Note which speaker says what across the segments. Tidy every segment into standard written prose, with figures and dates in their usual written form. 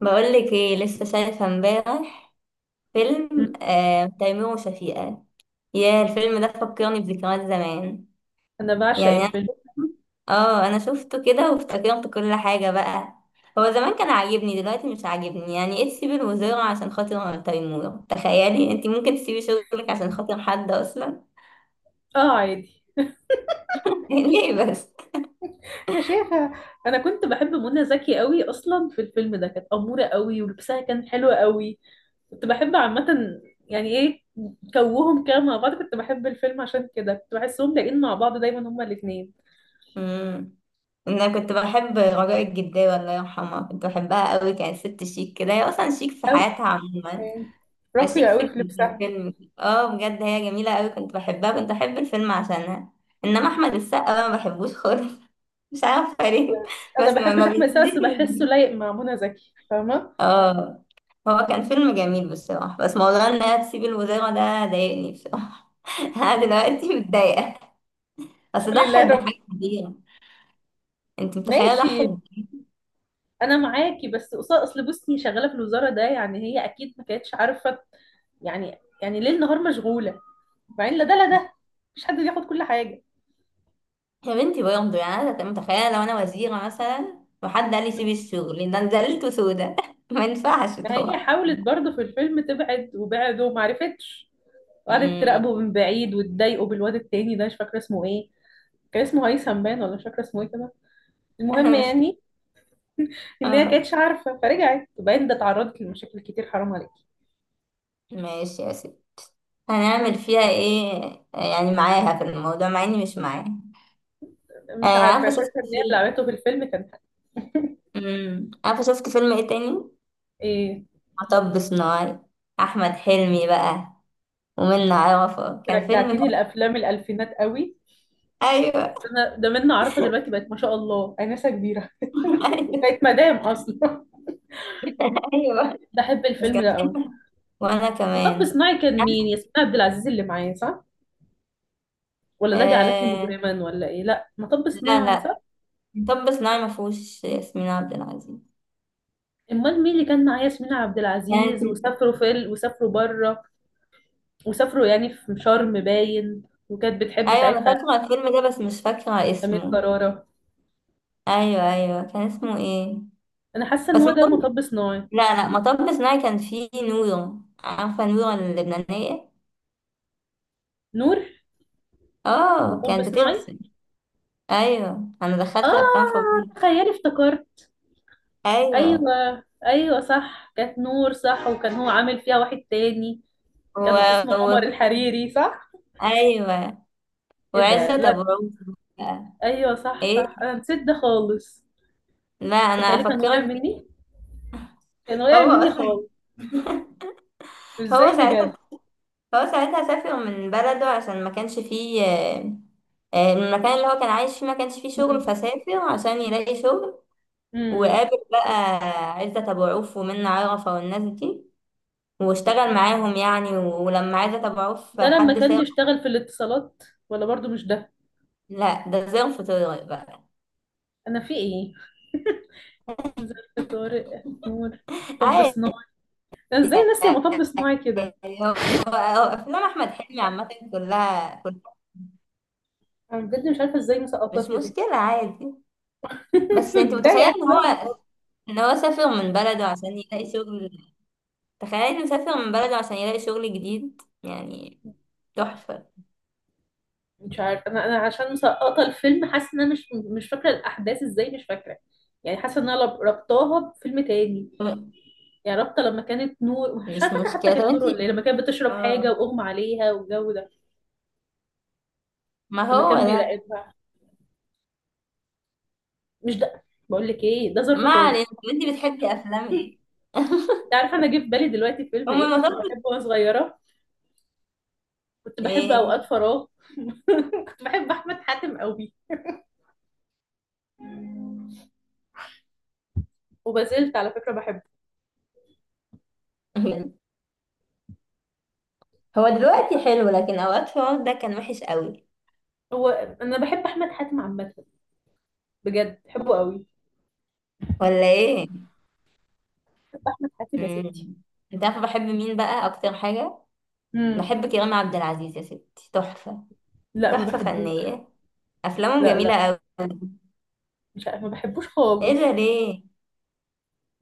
Speaker 1: بقولك ايه، لسه شايفة امبارح فيلم آه تيمور وشفيقة. يا الفيلم ده فكرني بذكريات زمان.
Speaker 2: انا بعشق
Speaker 1: يعني انا
Speaker 2: الفيلم.
Speaker 1: اه انا شفته كده وافتكرت كل حاجة بقى. هو زمان كان عاجبني، دلوقتي مش عاجبني. يعني ايه تسيبي الوزارة عشان خاطر تيمور؟ تخيلي انتي ممكن تسيبي شغلك عشان خاطر حد اصلا؟
Speaker 2: اه، عادي.
Speaker 1: ليه بس؟
Speaker 2: يا شيخة، انا كنت بحب منى زكي قوي اصلا في الفيلم ده. كانت امورة قوي ولبسها كان حلو قوي. كنت بحب عامة، يعني ايه، كوهم كده مع بعض. كنت بحب الفيلم عشان كده، كنت بحسهم لاقين مع بعض دايما هما الاتنين.
Speaker 1: امم انا كنت بحب رجاء الجداوي، الله يرحمها، كنت بحبها قوي. كانت ست شيك كده، هي اصلا شيك في
Speaker 2: قوي.
Speaker 1: حياتها عموما.
Speaker 2: راقية
Speaker 1: فشيك في
Speaker 2: قوي في لبسها.
Speaker 1: الفيلم، اه بجد هي جميلة قوي، كنت بحبها، كنت بحب الفيلم عشانها. انما احمد السقا بقى ما بحبوش خالص. مش عارفة ليه.
Speaker 2: انا
Speaker 1: بس ما,
Speaker 2: بحبش
Speaker 1: ما
Speaker 2: احمد سعد بس بحسه لايق مع منى زكي، فاهمة؟
Speaker 1: اه. هو كان فيلم جميل بصراحة، بس موضوع انها تسيب الوزارة ده ضايقني بصراحة. انا دلوقتي متضايقة، اصل
Speaker 2: قولي الله يا
Speaker 1: ضحت
Speaker 2: رب.
Speaker 1: بحاجة كبيرة. انت متخيلة ضحت؟
Speaker 2: ماشي. انا معاكي بس قصاد، اصل بصي شغاله في الوزاره ده، يعني هي اكيد ما كانتش عارفه. يعني ليل نهار مشغوله. بعدين لا ده لا ده، مش حد بياخد كل حاجه.
Speaker 1: يا بنتي برضه، يعني انا متخيله لو انا وزيره مثلا وحد قال لي سيبي الشغل ده، أنا زعلت سودا. ما ينفعش
Speaker 2: ما هي
Speaker 1: طبعا.
Speaker 2: حاولت برضه في الفيلم تبعد وبعد وما عرفتش. وقعدت تراقبه من بعيد وتضايقه بالواد التاني ده، مش فاكره اسمه ايه. كان اسمه هيثم باين، ولا مش فاكره اسمه ايه كده. المهم
Speaker 1: مش
Speaker 2: يعني ان هي
Speaker 1: اه
Speaker 2: كانتش عارفه فرجعت. وبعدين ده اتعرضت لمشاكل كتير، حرام عليك.
Speaker 1: ماشي يا سيدي. هنعمل فيها ايه يعني؟ معاها في الموضوع مع اني مش معاها.
Speaker 2: مش
Speaker 1: آه،
Speaker 2: عارفه،
Speaker 1: عارفة شفت
Speaker 2: شايفه ان هي اللي
Speaker 1: فيلم؟
Speaker 2: عملته في الفيلم كان
Speaker 1: عارفة شفت فيلم ايه تاني؟
Speaker 2: ايه.
Speaker 1: مطب صناعي. احمد حلمي بقى ومنى عرفة.
Speaker 2: رجعتيني لافلام الالفينات قوي. بس
Speaker 1: ايوه.
Speaker 2: انا ده منا عارفه، دلوقتي بقت ما شاء الله انسه كبيره.
Speaker 1: ايوه
Speaker 2: بقت مدام اصلا.
Speaker 1: ايوه.
Speaker 2: بحب
Speaker 1: بس
Speaker 2: الفيلم
Speaker 1: كان
Speaker 2: ده قوي.
Speaker 1: فيلم، وانا
Speaker 2: مطب
Speaker 1: كمان.
Speaker 2: صناعي كان مين؟
Speaker 1: عارفة؟
Speaker 2: ياسمين عبد العزيز اللي معايا، صح؟ ولا ده جعلتني
Speaker 1: آه.
Speaker 2: مجرما؟ ولا ايه؟ لا، مطب
Speaker 1: لا
Speaker 2: صناعي
Speaker 1: لا،
Speaker 2: صح.
Speaker 1: مطب صناعي ما فيهوش ياسمين عبد العزيز.
Speaker 2: امال مين اللي كان معايا؟ ياسمين عبد
Speaker 1: كانت.
Speaker 2: العزيز. وسافروا بره. وسافروا يعني في شرم باين. وكانت بتحب
Speaker 1: ايوه انا
Speaker 2: ساعتها.
Speaker 1: فاكرة الفيلم ده، بس مش فاكرة
Speaker 2: امير
Speaker 1: اسمه.
Speaker 2: كرارة.
Speaker 1: ايوه ايوه، كان اسمه ايه؟
Speaker 2: انا حاسه
Speaker 1: بس
Speaker 2: ان هو ده
Speaker 1: مطب
Speaker 2: مطب صناعي.
Speaker 1: لا لا، مطب صناعي كان فيه نورة، عارفة نورة اللبنانية؟
Speaker 2: نور.
Speaker 1: اه
Speaker 2: مطب
Speaker 1: كانت
Speaker 2: صناعي.
Speaker 1: بترسم. ايوه، انا دخلت
Speaker 2: اه،
Speaker 1: الافلام في بعض.
Speaker 2: تخيلي افتكرت.
Speaker 1: ايوه.
Speaker 2: ايوه ايوه، صح، كانت نور صح. وكان هو عامل فيها واحد تاني.
Speaker 1: و...
Speaker 2: كان اسمه
Speaker 1: و...
Speaker 2: عمر الحريري، صح.
Speaker 1: ايوه،
Speaker 2: ايه
Speaker 1: وعزت
Speaker 2: ده، لا.
Speaker 1: ابو عوف بقى.
Speaker 2: ايوه صح
Speaker 1: ايه؟
Speaker 2: صح، انا نسيت ده خالص.
Speaker 1: لا انا
Speaker 2: تخيلي كان واقع
Speaker 1: افكرك
Speaker 2: مني.
Speaker 1: بيه.
Speaker 2: كان واقع
Speaker 1: هو
Speaker 2: مني
Speaker 1: اصلا،
Speaker 2: خالص. ازاي
Speaker 1: هو ساعتها،
Speaker 2: بجد.
Speaker 1: هو ساعتها سافر من بلده عشان ما كانش فيه المكان اللي هو كان عايش فيه ما كانش فيه شغل،
Speaker 2: امم.
Speaker 1: فسافر عشان يلاقي شغل.
Speaker 2: امم.
Speaker 1: وقابل بقى عزت ابو عوف ومنة عرفة والناس دي، واشتغل معاهم يعني. ولما عايزة اتابعه في
Speaker 2: ده لما
Speaker 1: حد
Speaker 2: كان
Speaker 1: سام.
Speaker 2: بيشتغل في الاتصالات. ولا برضو مش ده.
Speaker 1: لا ده زي في طارق بقى.
Speaker 2: انا في ايه. ظرف طارق نور. طب
Speaker 1: عادي.
Speaker 2: صناعي. انا ازاي ناسيه مطب صناعي كده.
Speaker 1: يعني هو هو، افلام احمد حلمي عامة كلها كلها.
Speaker 2: انا بجد مش عارفه ازاي مسقطاه
Speaker 1: مش
Speaker 2: كده.
Speaker 1: مشكلة، عادي. بس انت متخيلة
Speaker 2: متضايقه،
Speaker 1: ان
Speaker 2: لا.
Speaker 1: هو، ان هو سافر من بلده عشان يلاقي شغل؟ تخيلي انه سافر من بلده عشان يلاقي شغل جديد يعني. تحفة.
Speaker 2: مش عارفه، انا عشان مسقطه الفيلم، حاسه ان انا مش فاكره الاحداث ازاي، مش فاكره. يعني حاسه ان انا ربطاها بفيلم تاني. يعني رابطه لما كانت نور، مش
Speaker 1: مش
Speaker 2: عارفه فاكره حتى
Speaker 1: مشكلة. طب
Speaker 2: كانت
Speaker 1: انت،
Speaker 2: نور ولا ايه، لما كانت بتشرب حاجه
Speaker 1: اه،
Speaker 2: واغمى عليها والجو ده.
Speaker 1: ما
Speaker 2: لما
Speaker 1: هو
Speaker 2: كان
Speaker 1: ده.
Speaker 2: بيراقبها. مش ده. بقول لك ايه، ده ظرف
Speaker 1: ما
Speaker 2: طارق.
Speaker 1: علينا، طب انت بتحبي افلام ايه؟
Speaker 2: انت عارفه، انا جه في بالي دلوقتي فيلم
Speaker 1: هم
Speaker 2: ايه كنت
Speaker 1: المفروض.
Speaker 2: بحبه وانا صغيره. كنت بحب اوقات
Speaker 1: ايه؟
Speaker 2: فراغ. كنت بحب احمد حاتم قوي. وما زلت على فكره بحبه.
Speaker 1: مم. هو
Speaker 2: مش
Speaker 1: دلوقتي
Speaker 2: عارفة.
Speaker 1: حلو، لكن اوقات فؤاد ده كان وحش قوي.
Speaker 2: هو انا بحب احمد حاتم عامه. بجد بحبه قوي.
Speaker 1: ولا ايه؟
Speaker 2: بحب احمد حاتم يا ستي.
Speaker 1: مم. انت عارفه بحب مين بقى اكتر حاجه؟
Speaker 2: امم.
Speaker 1: بحب كريم عبد العزيز يا ستي، تحفه.
Speaker 2: لا، ما
Speaker 1: تحفه
Speaker 2: بحبوش.
Speaker 1: فنيه، افلامه
Speaker 2: لا
Speaker 1: جميله
Speaker 2: لا.
Speaker 1: قوي.
Speaker 2: مش عارف ما بحبوش
Speaker 1: ايه ده
Speaker 2: خالص.
Speaker 1: ليه؟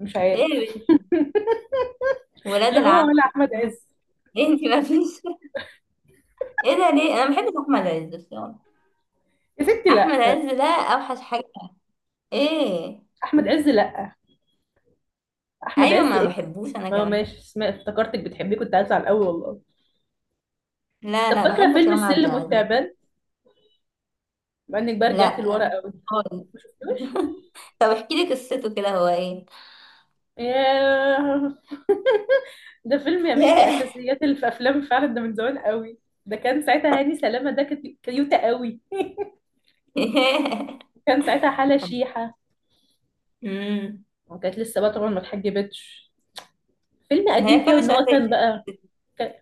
Speaker 2: مش عارف.
Speaker 1: ايه ده؟ ولاد
Speaker 2: لا، هو
Speaker 1: العم.
Speaker 2: ولا احمد عز.
Speaker 1: ايه، انت ما فيش. ايه ده ليه؟ انا ما بحبش احمد عز الصراحه.
Speaker 2: يا ستي
Speaker 1: احمد
Speaker 2: لا.
Speaker 1: عز ده اوحش حاجه. ايه.
Speaker 2: احمد عز لا. احمد
Speaker 1: ايوه،
Speaker 2: عز
Speaker 1: ما
Speaker 2: اكس.
Speaker 1: بحبوش انا
Speaker 2: ما هو
Speaker 1: كمان.
Speaker 2: ماشي، اسماء افتكرتك بتحبيه، كنت هزعل قوي والله.
Speaker 1: لا
Speaker 2: طب
Speaker 1: لا،
Speaker 2: فاكره
Speaker 1: بحب
Speaker 2: فيلم
Speaker 1: كريم عبد
Speaker 2: السلم
Speaker 1: العزيز.
Speaker 2: والتعبان؟ مع انك بقى رجعت
Speaker 1: لا
Speaker 2: لورا قوي.
Speaker 1: خالص.
Speaker 2: ما شفتوش.
Speaker 1: طب احكي لي قصته كده، هو ايه؟
Speaker 2: ياه. ده فيلم يا بنتي،
Speaker 1: ياه.
Speaker 2: اساسيات اللي في افلام فعلا، ده من زمان قوي. ده كان ساعتها هاني سلامه، ده كانت كيوته قوي.
Speaker 1: ياه.
Speaker 2: كان ساعتها حاله شيحه.
Speaker 1: امم
Speaker 2: وكانت لسه بقى طبعا ما اتحجبتش. فيلم
Speaker 1: ما
Speaker 2: قديم
Speaker 1: هي
Speaker 2: كده،
Speaker 1: كل
Speaker 2: ان
Speaker 1: شوية
Speaker 2: هو كان
Speaker 1: تقلق.
Speaker 2: بقى.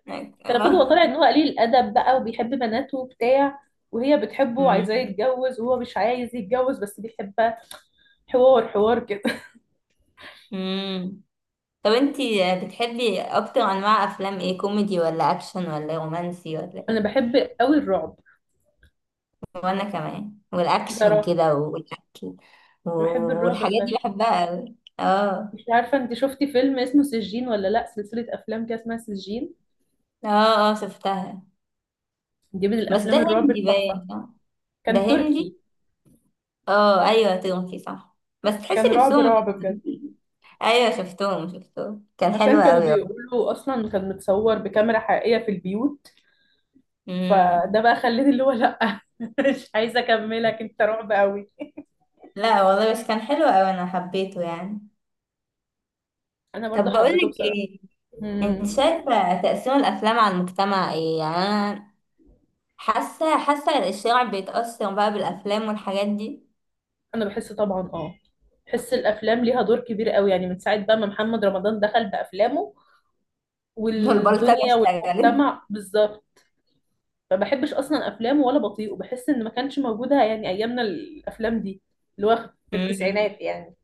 Speaker 2: كان المفروض هو
Speaker 1: آه.
Speaker 2: طالع ان هو قليل الادب بقى، وبيحب بناته وبتاع. وهي بتحبه وعايزاه
Speaker 1: مم.
Speaker 2: يتجوز، وهو مش عايز يتجوز بس بيحبها. حوار حوار كده.
Speaker 1: مم. طب انتي بتحبي اكتر انواع افلام ايه، كوميدي ولا اكشن ولا رومانسي ولا
Speaker 2: انا
Speaker 1: ايه؟
Speaker 2: بحب قوي الرعب.
Speaker 1: وانا كمان، والاكشن
Speaker 2: بصراحه.
Speaker 1: كده والاكل
Speaker 2: بحب الرعب
Speaker 1: والحاجات دي
Speaker 2: فشخ.
Speaker 1: بحبها قوي، اه.
Speaker 2: مش عارفه، انت شفتي فيلم اسمه سجين، ولا لا سلسله افلام كده اسمها سجين.
Speaker 1: اه، اه شفتها.
Speaker 2: دي من
Speaker 1: بس ده
Speaker 2: الافلام الرعب
Speaker 1: هندي
Speaker 2: التحفه.
Speaker 1: باين، صح؟ ده
Speaker 2: كان
Speaker 1: هندي.
Speaker 2: تركي.
Speaker 1: اه ايوه، تركي صح. بس تحسي
Speaker 2: كان رعب
Speaker 1: نفسهم
Speaker 2: رعب بجد.
Speaker 1: ايوه شفتهم شفتهم، كان
Speaker 2: عشان
Speaker 1: حلو
Speaker 2: كانوا
Speaker 1: قوي.
Speaker 2: بيقولوا اصلا كان متصور بكاميرا حقيقيه في البيوت.
Speaker 1: والله.
Speaker 2: فده بقى خلاني اللي هو لا مش عايزه اكملك، انت رعب قوي.
Speaker 1: لا والله، بس كان حلو أوي أنا حبيته يعني.
Speaker 2: انا برضو
Speaker 1: طب
Speaker 2: حبيته
Speaker 1: بقولك
Speaker 2: بصراحه.
Speaker 1: إيه، أنت
Speaker 2: مم.
Speaker 1: شايفة تأثير الأفلام على المجتمع إيه؟ يعني أنا حاسة حاسة الشارع بيتأثر بقى بالأفلام والحاجات دي.
Speaker 2: انا بحس طبعا، اه. بحس الافلام ليها دور كبير قوي، يعني من ساعه بقى ما محمد رمضان دخل بافلامه،
Speaker 1: والبلطجة
Speaker 2: والدنيا
Speaker 1: اشتغلت.
Speaker 2: والمجتمع بالظبط. ما بحبش اصلا افلامه ولا بطيئه، بحس ان ما كانش موجوده يعني ايامنا الافلام دي. اللي هو في
Speaker 1: أمم.
Speaker 2: التسعينات يعني.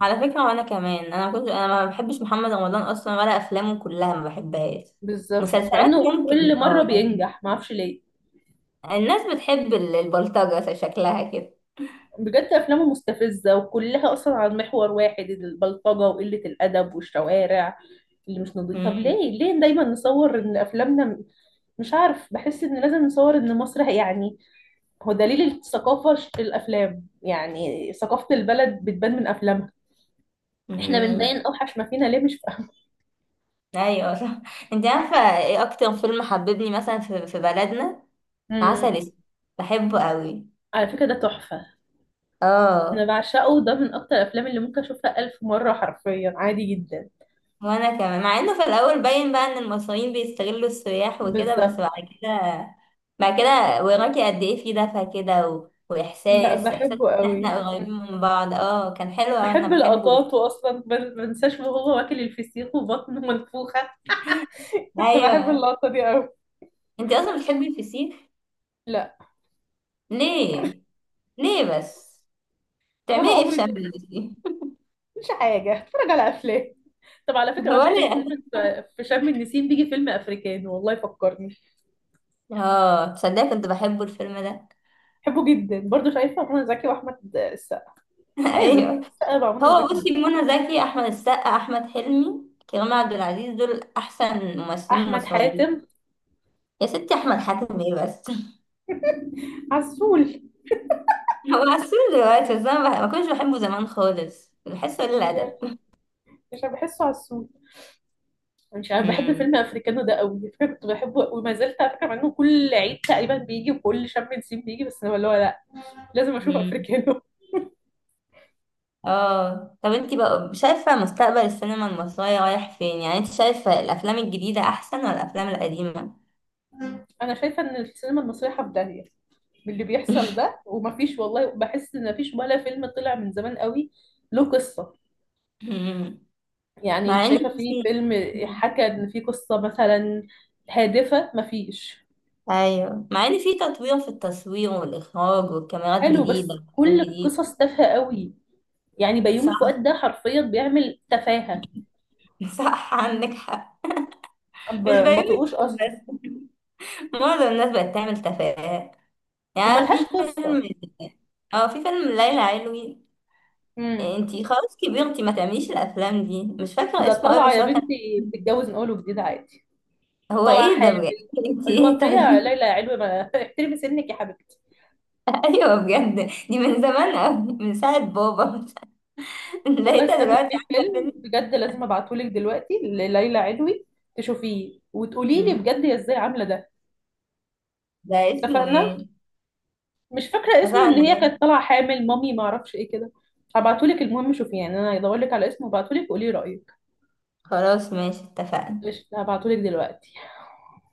Speaker 1: على فكرة وأنا كمان، أنا كنت، أنا ما بحبش محمد رمضان أصلا، ولا أفلامه كلها ما بحبهاش.
Speaker 2: بالظبط، مع
Speaker 1: مسلسلات
Speaker 2: انه
Speaker 1: ممكن،
Speaker 2: كل مره
Speaker 1: اه، لكن
Speaker 2: بينجح، ما اعرفش ليه.
Speaker 1: الناس بتحب البلطجة شكلها كده.
Speaker 2: بجد افلامه مستفزه، وكلها اصلا عن محور واحد، البلطجه وقله الادب والشوارع اللي مش نضيف. طب
Speaker 1: أمم.
Speaker 2: ليه ليه دايما نصور ان افلامنا، مش عارف، بحس ان لازم نصور ان مصر يعني هو دليل الثقافة، الافلام يعني ثقافة البلد بتبان من افلامها. احنا بنبين
Speaker 1: أمم.
Speaker 2: اوحش ما فينا، ليه، مش فاهمة.
Speaker 1: ايوه صح. انت عارفه ايه اكتر فيلم حببني مثلا في بلدنا؟ عسل
Speaker 2: امم.
Speaker 1: اسود، بحبه قوي.
Speaker 2: على فكرة ده تحفة. انا
Speaker 1: اه،
Speaker 2: بعشقه، ده من اكتر الافلام اللي ممكن اشوفها الف مرة حرفيا عادي جدا.
Speaker 1: وانا كمان، مع انه في الاول باين بقى ان المصريين بيستغلوا السياح وكده، بس
Speaker 2: بالظبط.
Speaker 1: بعد كده، بعد كده وراكي قد ايه في دفى كده
Speaker 2: لا،
Speaker 1: واحساس احساس
Speaker 2: بحبه
Speaker 1: ان
Speaker 2: قوي.
Speaker 1: احنا قريبين من بعض، اه كان حلو أوي، انا
Speaker 2: بحب
Speaker 1: بحبه.
Speaker 2: اللقطات، واصلا ما انساش وهو واكل الفسيخ وبطنه منفوخة. كنت بحب
Speaker 1: ايوه.
Speaker 2: اللقطة دي قوي.
Speaker 1: انت اصلا بتحبي الفسيخ؟
Speaker 2: لا.
Speaker 1: ليه؟ ليه بس؟ تعملي
Speaker 2: ولا
Speaker 1: ايه في
Speaker 2: عمري. ده
Speaker 1: شم النسيم؟
Speaker 2: مش حاجة اتفرج على افلام. طب على فكرة بقى، بحس
Speaker 1: ولا يعني.
Speaker 2: دايما في شم النسيم بيجي فيلم أفريكاني، والله فكرني.
Speaker 1: اه تصدقي كنت بحبه الفيلم ده.
Speaker 2: بحبه جدا برضه، شايفة منى زكي وأحمد السقا. لازم
Speaker 1: ايوه.
Speaker 2: أحمد السقا مع منى
Speaker 1: هو
Speaker 2: زكي
Speaker 1: بصي
Speaker 2: بجد.
Speaker 1: منى زكي، احمد السقا، احمد حلمي، كريم عبد العزيز دول احسن ممثلين
Speaker 2: أحمد
Speaker 1: مصريين.
Speaker 2: حاتم.
Speaker 1: يا ستي احمد حاتم ايه بس.
Speaker 2: عسول.
Speaker 1: هو عسول دلوقتي، بس انا ما كنتش بحبه زمان خالص، بحسه قليل
Speaker 2: مش عارف-
Speaker 1: الادب.
Speaker 2: مش عارف، بحسه عسول. مش عارف، بحب
Speaker 1: امم
Speaker 2: فيلم أفريكانو ده قوي على فكرة. كنت بحبه وما زلت على فكرة، مع إنه كل عيد تقريبا بيجي وكل شم نسيم بيجي، بس أنا اللي هو لأ. لازم أشوف
Speaker 1: أمم.
Speaker 2: أفريكانو.
Speaker 1: اه طب انتي بقى شايفه مستقبل السينما المصريه رايح فين؟ يعني انت شايفه الافلام الجديده احسن ولا الافلام القديمه؟
Speaker 2: أنا شايفة إن السينما المصرية حبدانية باللي بيحصل ده، ومفيش، والله بحس إن مفيش ولا فيلم طلع من زمان قوي له قصة.
Speaker 1: أمم.
Speaker 2: يعني انت
Speaker 1: مع ان
Speaker 2: شايفة في
Speaker 1: بصي.
Speaker 2: فيلم حكى ان في قصة مثلا هادفة؟ مفيش.
Speaker 1: ايوه، مع ان في تطوير في التصوير والاخراج والكاميرات
Speaker 2: حلو
Speaker 1: جديده
Speaker 2: بس كل
Speaker 1: وحاجات جديده.
Speaker 2: القصص تافهة قوي. يعني بيومي
Speaker 1: صح.
Speaker 2: فؤاد ده حرفيا بيعمل تفاهة.
Speaker 1: صح عندك حق. مش
Speaker 2: ما
Speaker 1: بيومي
Speaker 2: بطقوش اصلا.
Speaker 1: بس، معظم الناس بقت تعمل تفاهات. يعني
Speaker 2: وملهاش
Speaker 1: في
Speaker 2: قصة.
Speaker 1: فيلم، اه في فيلم ليلى علوي.
Speaker 2: امم.
Speaker 1: انتي خلاص كبرتي، ما تعمليش الافلام دي، مش فاكره
Speaker 2: ده
Speaker 1: اسمه ايه
Speaker 2: طالعة
Speaker 1: بس
Speaker 2: يا
Speaker 1: هو كان.
Speaker 2: بنتي بتتجوز نقوله جديد عادي.
Speaker 1: هو
Speaker 2: وطالعة
Speaker 1: ايه ده
Speaker 2: حامل.
Speaker 1: بجد؟ انتي
Speaker 2: اللي هو
Speaker 1: ايه
Speaker 2: فيها
Speaker 1: طيب.
Speaker 2: ليلى يا علوي، ما احترمي سنك يا حبيبتي.
Speaker 1: ايوه بجد، دي من زمان قوي، من ساعه بابا.
Speaker 2: والله
Speaker 1: لقيتها
Speaker 2: استني،
Speaker 1: دلوقتي
Speaker 2: في
Speaker 1: عامله
Speaker 2: فيلم
Speaker 1: فيلم.
Speaker 2: بجد لازم ابعتهولك دلوقتي لليلى علوي تشوفيه وتقولي لي
Speaker 1: مم.
Speaker 2: بجد هي ازاي عاملة ده.
Speaker 1: ده اسمه
Speaker 2: اتفقنا.
Speaker 1: ايه؟
Speaker 2: مش فاكرة اسمه، ان هي
Speaker 1: اتفقنا.
Speaker 2: كانت طالعة حامل مامي، ما اعرفش ايه كده. هبعتهولك، المهم شوفي، يعني انا هدورلك على اسمه وابعتهولك وقولي رأيك.
Speaker 1: خلاص ماشي، اتفقنا.
Speaker 2: قشطة، هبعتهولك دلوقتي.